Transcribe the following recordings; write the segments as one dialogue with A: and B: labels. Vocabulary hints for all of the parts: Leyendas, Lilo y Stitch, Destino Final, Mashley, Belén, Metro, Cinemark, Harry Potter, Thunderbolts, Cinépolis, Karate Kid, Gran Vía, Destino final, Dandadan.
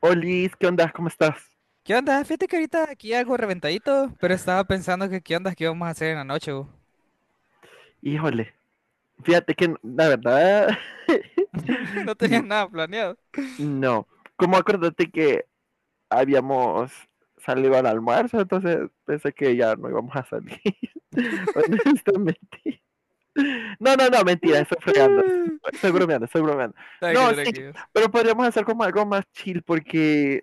A: Olis, ¿qué onda? ¿Cómo estás?
B: ¿Qué onda? Fíjate que ahorita aquí algo reventadito, pero estaba pensando que qué onda, qué vamos a hacer en la noche, bu.
A: Híjole, fíjate que la verdad,
B: No tenía nada planeado.
A: no. Como acuérdate que habíamos salido al almuerzo, entonces pensé que ya no íbamos a salir. Honestamente. No, no, no, mentira, estoy fregando.
B: Mm.
A: Estoy bromeando, estoy bromeando.
B: Tranqui,
A: No, sí,
B: tranquilos.
A: pero podríamos hacer como algo más chill porque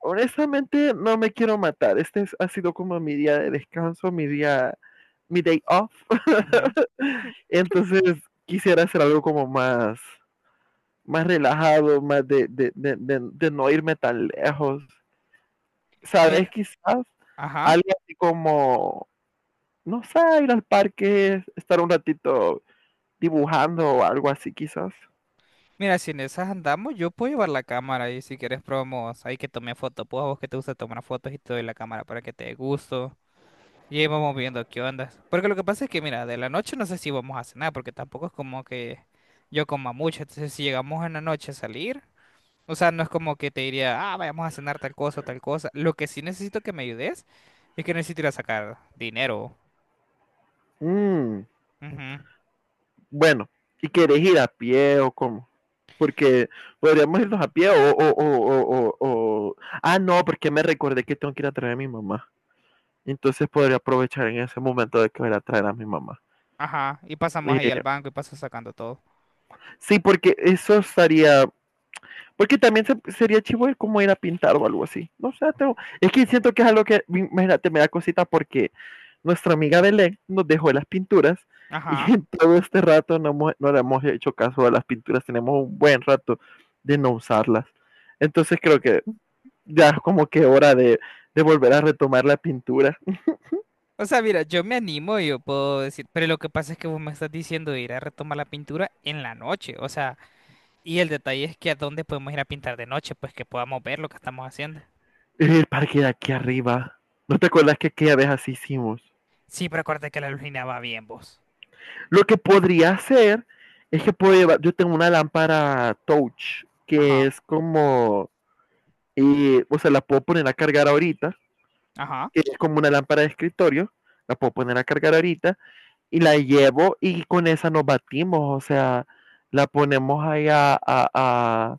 A: honestamente no me quiero matar. Ha sido como mi día de descanso, mi día, mi day off.
B: Ujú.
A: Entonces quisiera hacer algo como más relajado, más de no irme tan lejos. ¿Sabes?
B: Mira,
A: Quizás
B: ajá.
A: algo así como, no sé, ir al parque, estar un ratito dibujando o algo así quizás.
B: Mira, si en esas andamos, yo puedo llevar la cámara y si quieres probamos ahí que tome fotos. Pues a vos que te gusta tomar fotos y te doy la cámara para que te dé gusto. Y ahí vamos viendo qué onda. Porque lo que pasa es que, mira, de la noche no sé si vamos a cenar, porque tampoco es como que yo coma mucho. Entonces, si llegamos en la noche a salir. O sea, no es como que te diría, ah, vayamos a cenar tal cosa, tal cosa. Lo que sí necesito que me ayudes es que necesito ir a sacar dinero.
A: Mm,
B: Ujú.
A: bueno, ¿y quieres ir a pie o cómo? Porque podríamos irnos
B: Mm.
A: a pie. Ah, no, porque me recordé que tengo que ir a traer a mi mamá. Entonces podría aprovechar en ese momento de que voy a ir a traer a mi mamá.
B: Ajá. Y pasamos ahí al
A: Eh,
B: banco y paso sacando todo.
A: Sí, porque eso estaría. Porque también sería chivo de cómo ir a pintar o algo así. No sé, es que siento que es algo que, imagínate, me da cosita porque nuestra amiga Belén nos dejó las pinturas y
B: Ajá.
A: en todo este rato no, no le hemos hecho caso a las pinturas. Tenemos un buen rato de no usarlas. Entonces creo que ya es como que hora de volver a retomar la pintura.
B: O sea, mira, yo me animo, yo puedo decir, pero lo que pasa es que vos me estás diciendo de ir a retomar la pintura en la noche. O sea, y el detalle es que a dónde podemos ir a pintar de noche, pues que podamos ver lo que estamos haciendo.
A: El parque de aquí arriba. ¿No te acuerdas que aquella vez así hicimos?
B: Sí, pero acuérdate que la luna va bien, vos.
A: Lo que podría hacer es que puedo llevar, yo tengo una lámpara touch que
B: Ajá.
A: es como, o sea, la puedo poner a cargar ahorita,
B: Ajá.
A: que es como una lámpara de escritorio, la puedo poner a cargar ahorita y la llevo y con esa nos batimos, o sea, la ponemos ahí a-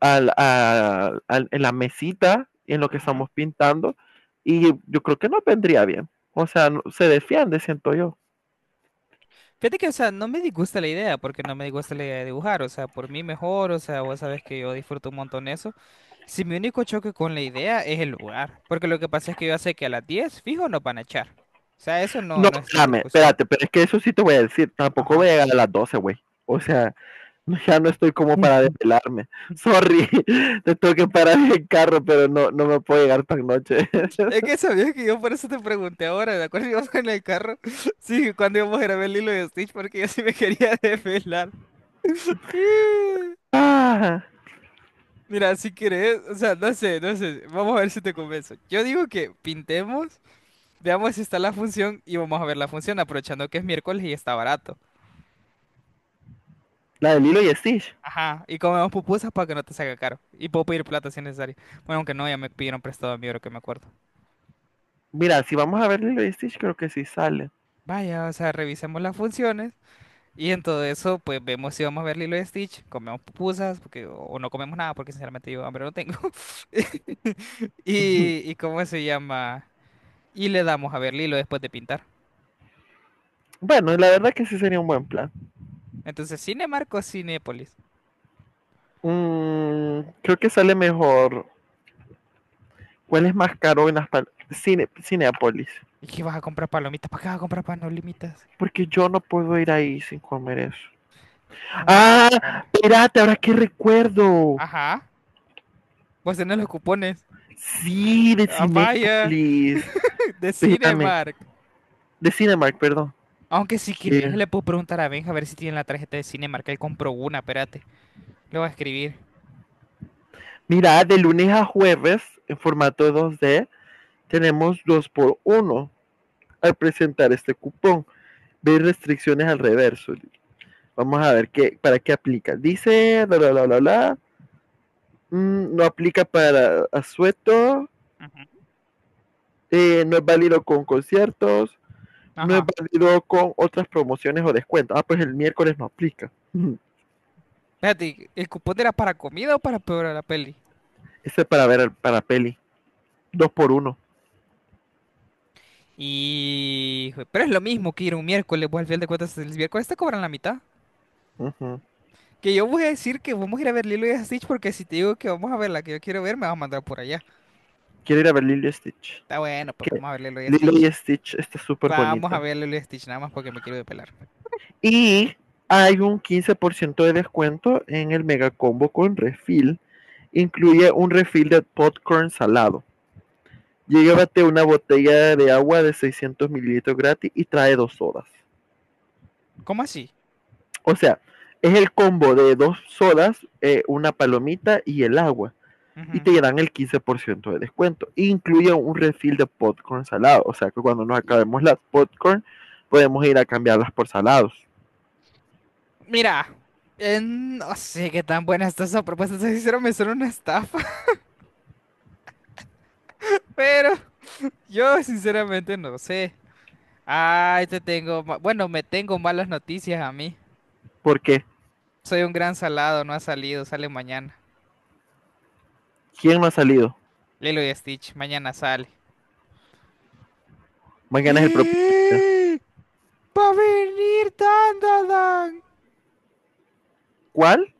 A: en la mesita en lo que
B: Ujú.
A: estamos pintando y yo creo que nos vendría bien, o sea, se defiende, siento yo.
B: Fíjate que, o sea, no me disgusta la idea, porque no me disgusta la idea de dibujar, o sea, por mí mejor, o sea, vos sabes que yo disfruto un montón eso. Si mi único choque con la idea es el lugar, porque lo que pasa es que yo sé que a las 10 fijo, nos van a echar. O sea, eso no,
A: No,
B: no está en
A: espérame,
B: discusión.
A: espérate, pero es que eso sí te voy a decir, tampoco voy a
B: Ajá.
A: llegar a las 12, güey. O sea, ya no estoy como para desvelarme. Sorry, te tengo que parar el carro, pero no, no me puedo llegar tan noche.
B: Es que sabías que yo por eso te pregunté ahora, ¿de acuerdo? Íbamos en el carro. Sí, cuando íbamos a grabar el hilo de Stitch, porque yo sí me quería desvelar.
A: Ah,
B: Mira, si querés, o sea, no sé, no sé, vamos a ver si te convenzo. Yo digo que pintemos, veamos si está la función y vamos a ver la función, aprovechando que es miércoles y está barato.
A: la de Lilo y Stitch.
B: Ajá, y comemos pupusas para que no te salga caro. Y puedo pedir plata si es necesario. Bueno, aunque no, ya me pidieron prestado a mí, ahora que me acuerdo.
A: Mira, si vamos a ver Lilo y Stitch, creo que sí sale.
B: Vaya, o sea, revisemos las funciones y en todo eso, pues vemos si vamos a ver Lilo y Stitch, comemos pupusas, porque, o no comemos nada, porque sinceramente yo hambre no tengo.
A: Ujú.
B: Y, y ¿cómo se llama? Y le damos a ver Lilo después de pintar.
A: Bueno, la verdad que sí sería un buen plan.
B: Entonces, Cinemark o Cinépolis.
A: Creo que sale mejor. ¿Cuál es más caro en las Cine, Cineapolis?
B: ¿Y qué vas a comprar palomitas? ¿Para qué vas a comprar palomitas?
A: Porque yo no puedo ir ahí sin comer eso. Ah,
B: Ah, cara.
A: espérate, ahora qué recuerdo.
B: Ajá. Vos tenés los cupones.
A: Sí, de
B: Ah, vaya.
A: Cinépolis.
B: De
A: Espérame,
B: Cinemark.
A: de Cinemark, perdón.
B: Aunque si
A: ¿Qué?
B: quieres, le puedo preguntar a Benja a ver si tiene la tarjeta de Cinemark. Él compró una, espérate. Le voy a escribir.
A: Mira, de lunes a jueves, en formato 2D, tenemos dos por uno al presentar este cupón. Ver restricciones al reverso. Vamos a ver qué, para qué aplica. Dice, bla, bla, bla, bla, bla. No aplica para asueto.
B: Ujú.
A: No es válido con conciertos. No es
B: Ajá.
A: válido con otras promociones o descuentos. Ah, pues el miércoles no aplica.
B: Espérate, ¿el cupón era para comida o para peor la peli?
A: Ese es para ver para peli. Dos por uno.
B: Y... Pero es lo mismo que ir un miércoles. Vos al final de cuentas, el miércoles te cobran la mitad.
A: Ujú.
B: Que yo voy a decir que vamos a ir a ver Lilo y Stitch porque si te digo que vamos a ver la que yo quiero ver, me vas a mandar por allá.
A: Quiero ir a ver Lilo y Stitch.
B: Está bueno,
A: Es
B: pues
A: que
B: vamos a ver Lilo y
A: Lilo y
B: Stitch.
A: Stitch está súper
B: Vamos a
A: bonita.
B: ver Lilo y Stitch nada más porque me quiero depelar.
A: Y hay un 15% de descuento en el mega combo con refil. Incluye un refil de popcorn salado. Llévate una botella de agua de 600 ml gratis y trae dos sodas.
B: ¿Cómo así?
A: O sea, es el combo de dos sodas, una palomita y el agua. Y
B: Ujú.
A: te dan el 15% de descuento. Incluye un refill de popcorn salado, o sea que cuando nos acabemos las popcorn podemos ir a cambiarlas por salados.
B: Mira, no sé qué tan buena está esa propuesta. Si sincero, me suena una estafa, pero yo sinceramente no sé. Ay, bueno, me tengo malas noticias a mí.
A: Porque
B: Soy un gran salado, no ha salido, sale mañana.
A: ¿quién no ha salido?
B: Lilo y Stitch, mañana sale.
A: Mañana es el propietario.
B: ¡Ah! ¡Va a venir Dandadan!
A: ¿Cuál?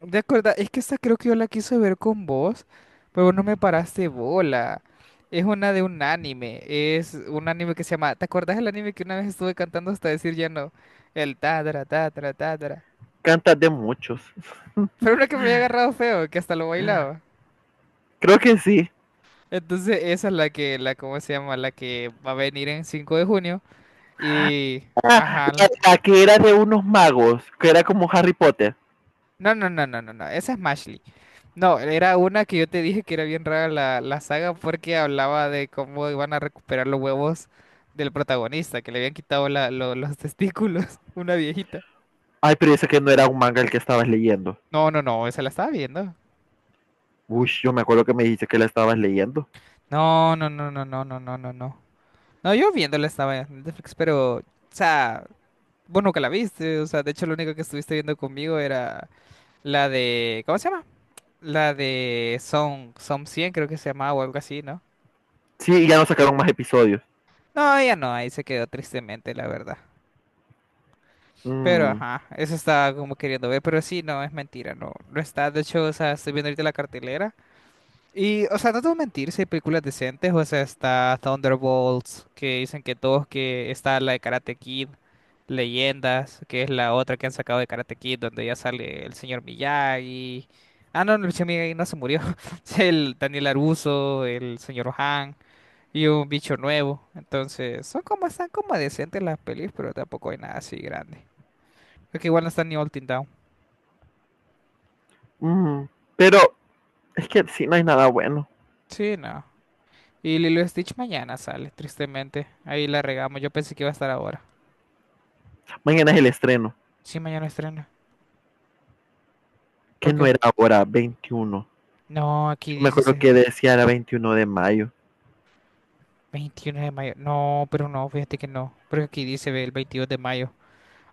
B: ¿De acuerdo? Es que esta creo que yo la quise ver con vos, pero vos no me paraste bola. Es una de un anime, es un anime que se llama... ¿Te acordás del anime que una vez estuve cantando hasta decir ya no? El tadra, tadra, tadra.
A: Cantas de muchos.
B: Pero uno que me había agarrado feo, que hasta lo bailaba.
A: Creo que sí.
B: Entonces esa es la que, ¿cómo se llama? La que va a venir en 5 de junio. Y,
A: Ah,
B: ajá,
A: la,
B: la...
A: la que era de unos magos, que era como Harry Potter.
B: No, no, no, no, no, no, esa es Mashley. No, era una que yo te dije que era bien rara la saga porque hablaba de cómo iban a recuperar los huevos del protagonista, que le habían quitado los testículos, una viejita.
A: Ay, pero ese que no era un manga el que estabas leyendo.
B: No, no, no, esa la estaba viendo.
A: Uy, yo me acuerdo que me dijiste que la estabas leyendo.
B: No, no, no, no, no, no, no, no, no. No, yo viéndola estaba en Netflix, pero, o sea, vos nunca la viste, o sea, de hecho lo único que estuviste viendo conmigo era... La de, ¿cómo se llama? La de Son, Son 100 creo que se llamaba o algo así, ¿no?
A: Sí, y ya no sacaron más episodios.
B: No, ella no, ahí se quedó tristemente, la verdad. Pero
A: Mm,
B: ajá, eso estaba como queriendo ver, pero sí, no, es mentira, no, no está. De hecho, o sea, estoy viendo ahorita la cartelera. Y, o sea, no te voy a mentir, si hay películas decentes, o sea, está Thunderbolts, que dicen que todos, que está la de Karate Kid, Leyendas, que es la otra que han sacado de Karate Kid, donde ya sale el señor Miyagi. Ah, no, no, el señor Miyagi no se murió, el Daniel Aruso, el señor Han, y un bicho nuevo. Entonces, son como, están como decentes las pelis, pero tampoco hay nada así grande. Porque igual no está ni All Teen Down.
A: mm. Pero es que sí, no hay nada bueno.
B: Sí, no. Y Lilo y Stitch mañana sale, tristemente. Ahí la regamos, yo pensé que iba a estar ahora.
A: Mañana es el estreno,
B: Sí, mañana estrena.
A: que
B: ¿Por
A: no
B: qué?
A: era ahora, 21.
B: No,
A: Yo
B: aquí
A: me
B: dice
A: acuerdo
B: ese
A: que decía era 21 de mayo.
B: 21 de mayo. No, pero no, fíjate que no. Porque aquí dice ve, el 22 de mayo.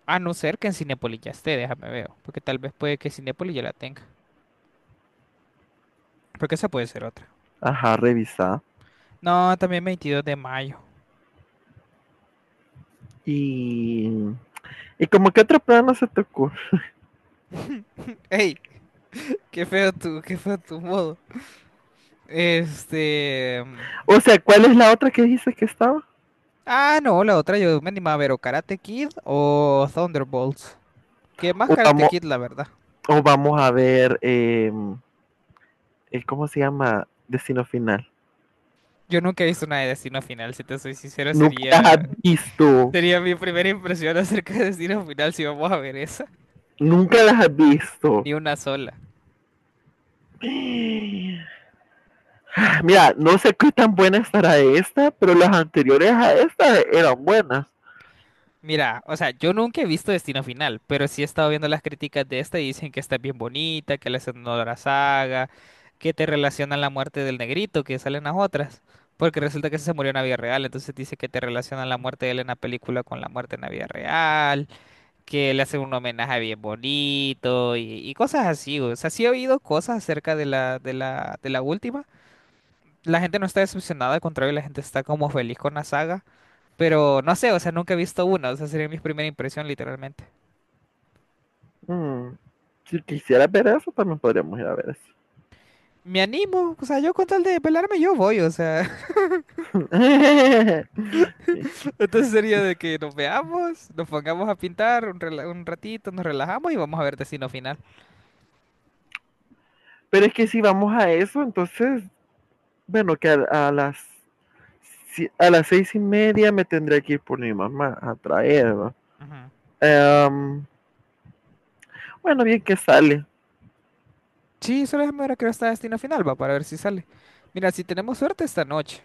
B: A no ser que en Cinépolis ya esté, déjame ver. Porque tal vez puede que Cinépolis ya la tenga. Porque esa puede ser otra.
A: Ajá, revisá.
B: No, también 22 de mayo.
A: Y, y como que otro plan no se te ocurre.
B: ¡Ey! ¡Qué feo tu modo! Este...
A: O sea, ¿cuál es la otra que dices que estaba?
B: Ah, no, la otra yo me animaba a ver o Karate Kid o Thunderbolts. Que más
A: O
B: Karate
A: vamos,
B: Kid, la verdad.
A: o vamos a ver, ¿cómo se llama? Destino final.
B: Yo nunca he visto una de Destino Final, si te soy sincero,
A: Nunca las has
B: sería.
A: visto.
B: Sería mi primera impresión acerca de Destino Final si vamos a ver esa.
A: Nunca las has visto.
B: Ni una sola.
A: Mira, no sé qué tan buena estará esta, pero las anteriores a esta eran buenas.
B: Mira, o sea, yo nunca he visto Destino Final, pero sí he estado viendo las críticas de esta y dicen que está bien bonita, que le hacen honor a la saga, que te relacionan la muerte del negrito, que salen las otras. Porque resulta que ese se murió en la vida real, entonces dice que te relacionan la muerte de él en la película con la muerte en la vida real, que le hacen un homenaje bien bonito y cosas así. O sea, sí he oído cosas acerca de la última. La gente no está decepcionada, al contrario, la gente está como feliz con la saga. Pero no sé, o sea, nunca he visto una, o sea, sería mi primera impresión, literalmente.
A: Mm, Si quisiera ver eso, también podríamos ir a ver eso.
B: Me animo, o sea, yo con tal de pelarme, yo voy, o sea.
A: Sí.
B: Entonces sería de que nos veamos, nos pongamos a pintar un, un ratito, nos relajamos y vamos a ver Destino Final.
A: Pero es que si vamos a eso, entonces, bueno, que a las si- a las 6:30 me tendré que ir por mi mamá a traerla.
B: Ujú.
A: Em, bueno, bien que sale.
B: Sí, solo déjame ver a qué hora está Destino Final, va, para ver si sale. Mira, si tenemos suerte esta noche,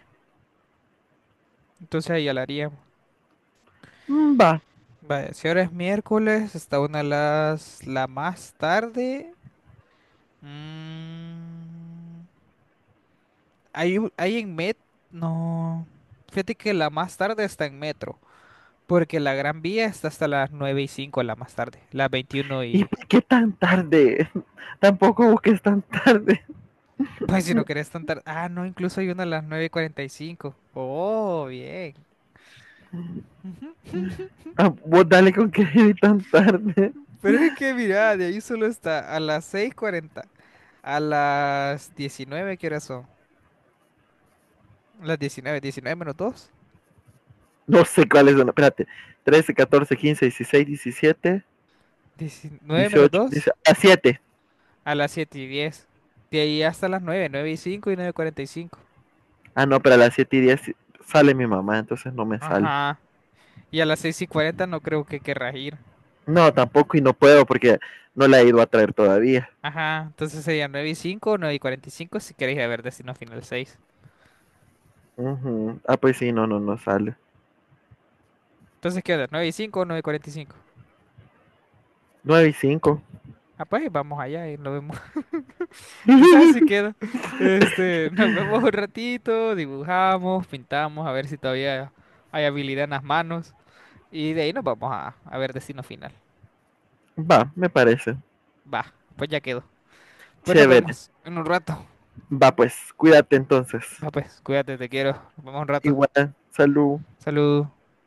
B: entonces ahí ya la haríamos.
A: Mm, va.
B: Vale, si ahora es miércoles, está una de las... la más tarde. Mm, hay en Met, no. Fíjate que la más tarde está en Metro, porque la Gran Vía está hasta las 9 y 5 la más tarde, las 21
A: ¿Y
B: y...
A: por qué tan tarde? Tampoco busques tan tarde.
B: Pues si no querés tan tarde... Ah, no, incluso hay una a las 9 y cuarenta y cinco. Oh, bien. Ujú.
A: Ah, vos dale con que ir tan tarde.
B: Pero es que mira, de ahí solo está a las 6:40, a las 19. ¿Qué horas son? Las diecinueve, 19 menos dos,
A: No sé cuáles son. Espérate. 13, 14, 15, 16, 17,
B: diecinueve menos
A: 18,
B: dos
A: 17. A siete.
B: A las 7:10. De ahí hasta las nueve, 9 y 5 y 9:45.
A: Ah, no, pero a las 7:10 sale mi mamá, entonces no me sale.
B: Ajá. Y a las 6 y 40 no creo que querrás ir.
A: No, tampoco y no puedo porque no la he ido a traer todavía.
B: Ajá, entonces sería 9 y 5, 9:45 si queréis ir a ver Destino Final seis.
A: Ujú. Ah, pues sí, no, no, no sale.
B: Entonces, ¿qué onda? ¿9 y 5 o 9 y cinco?
A: 9:05.
B: Ah, pues vamos allá y nos vemos. Entonces si queda. Este, nos vemos un ratito, dibujamos, pintamos, a ver si todavía hay habilidad en las manos. Y de ahí nos vamos a ver Destino Final.
A: Va, me parece.
B: Va, pues ya quedó. Pues nos
A: Chévere.
B: vemos en un rato.
A: Va, pues, cuídate entonces.
B: Va, pues, cuídate, te quiero. Nos vemos un rato.
A: Igual, salud.
B: Salud.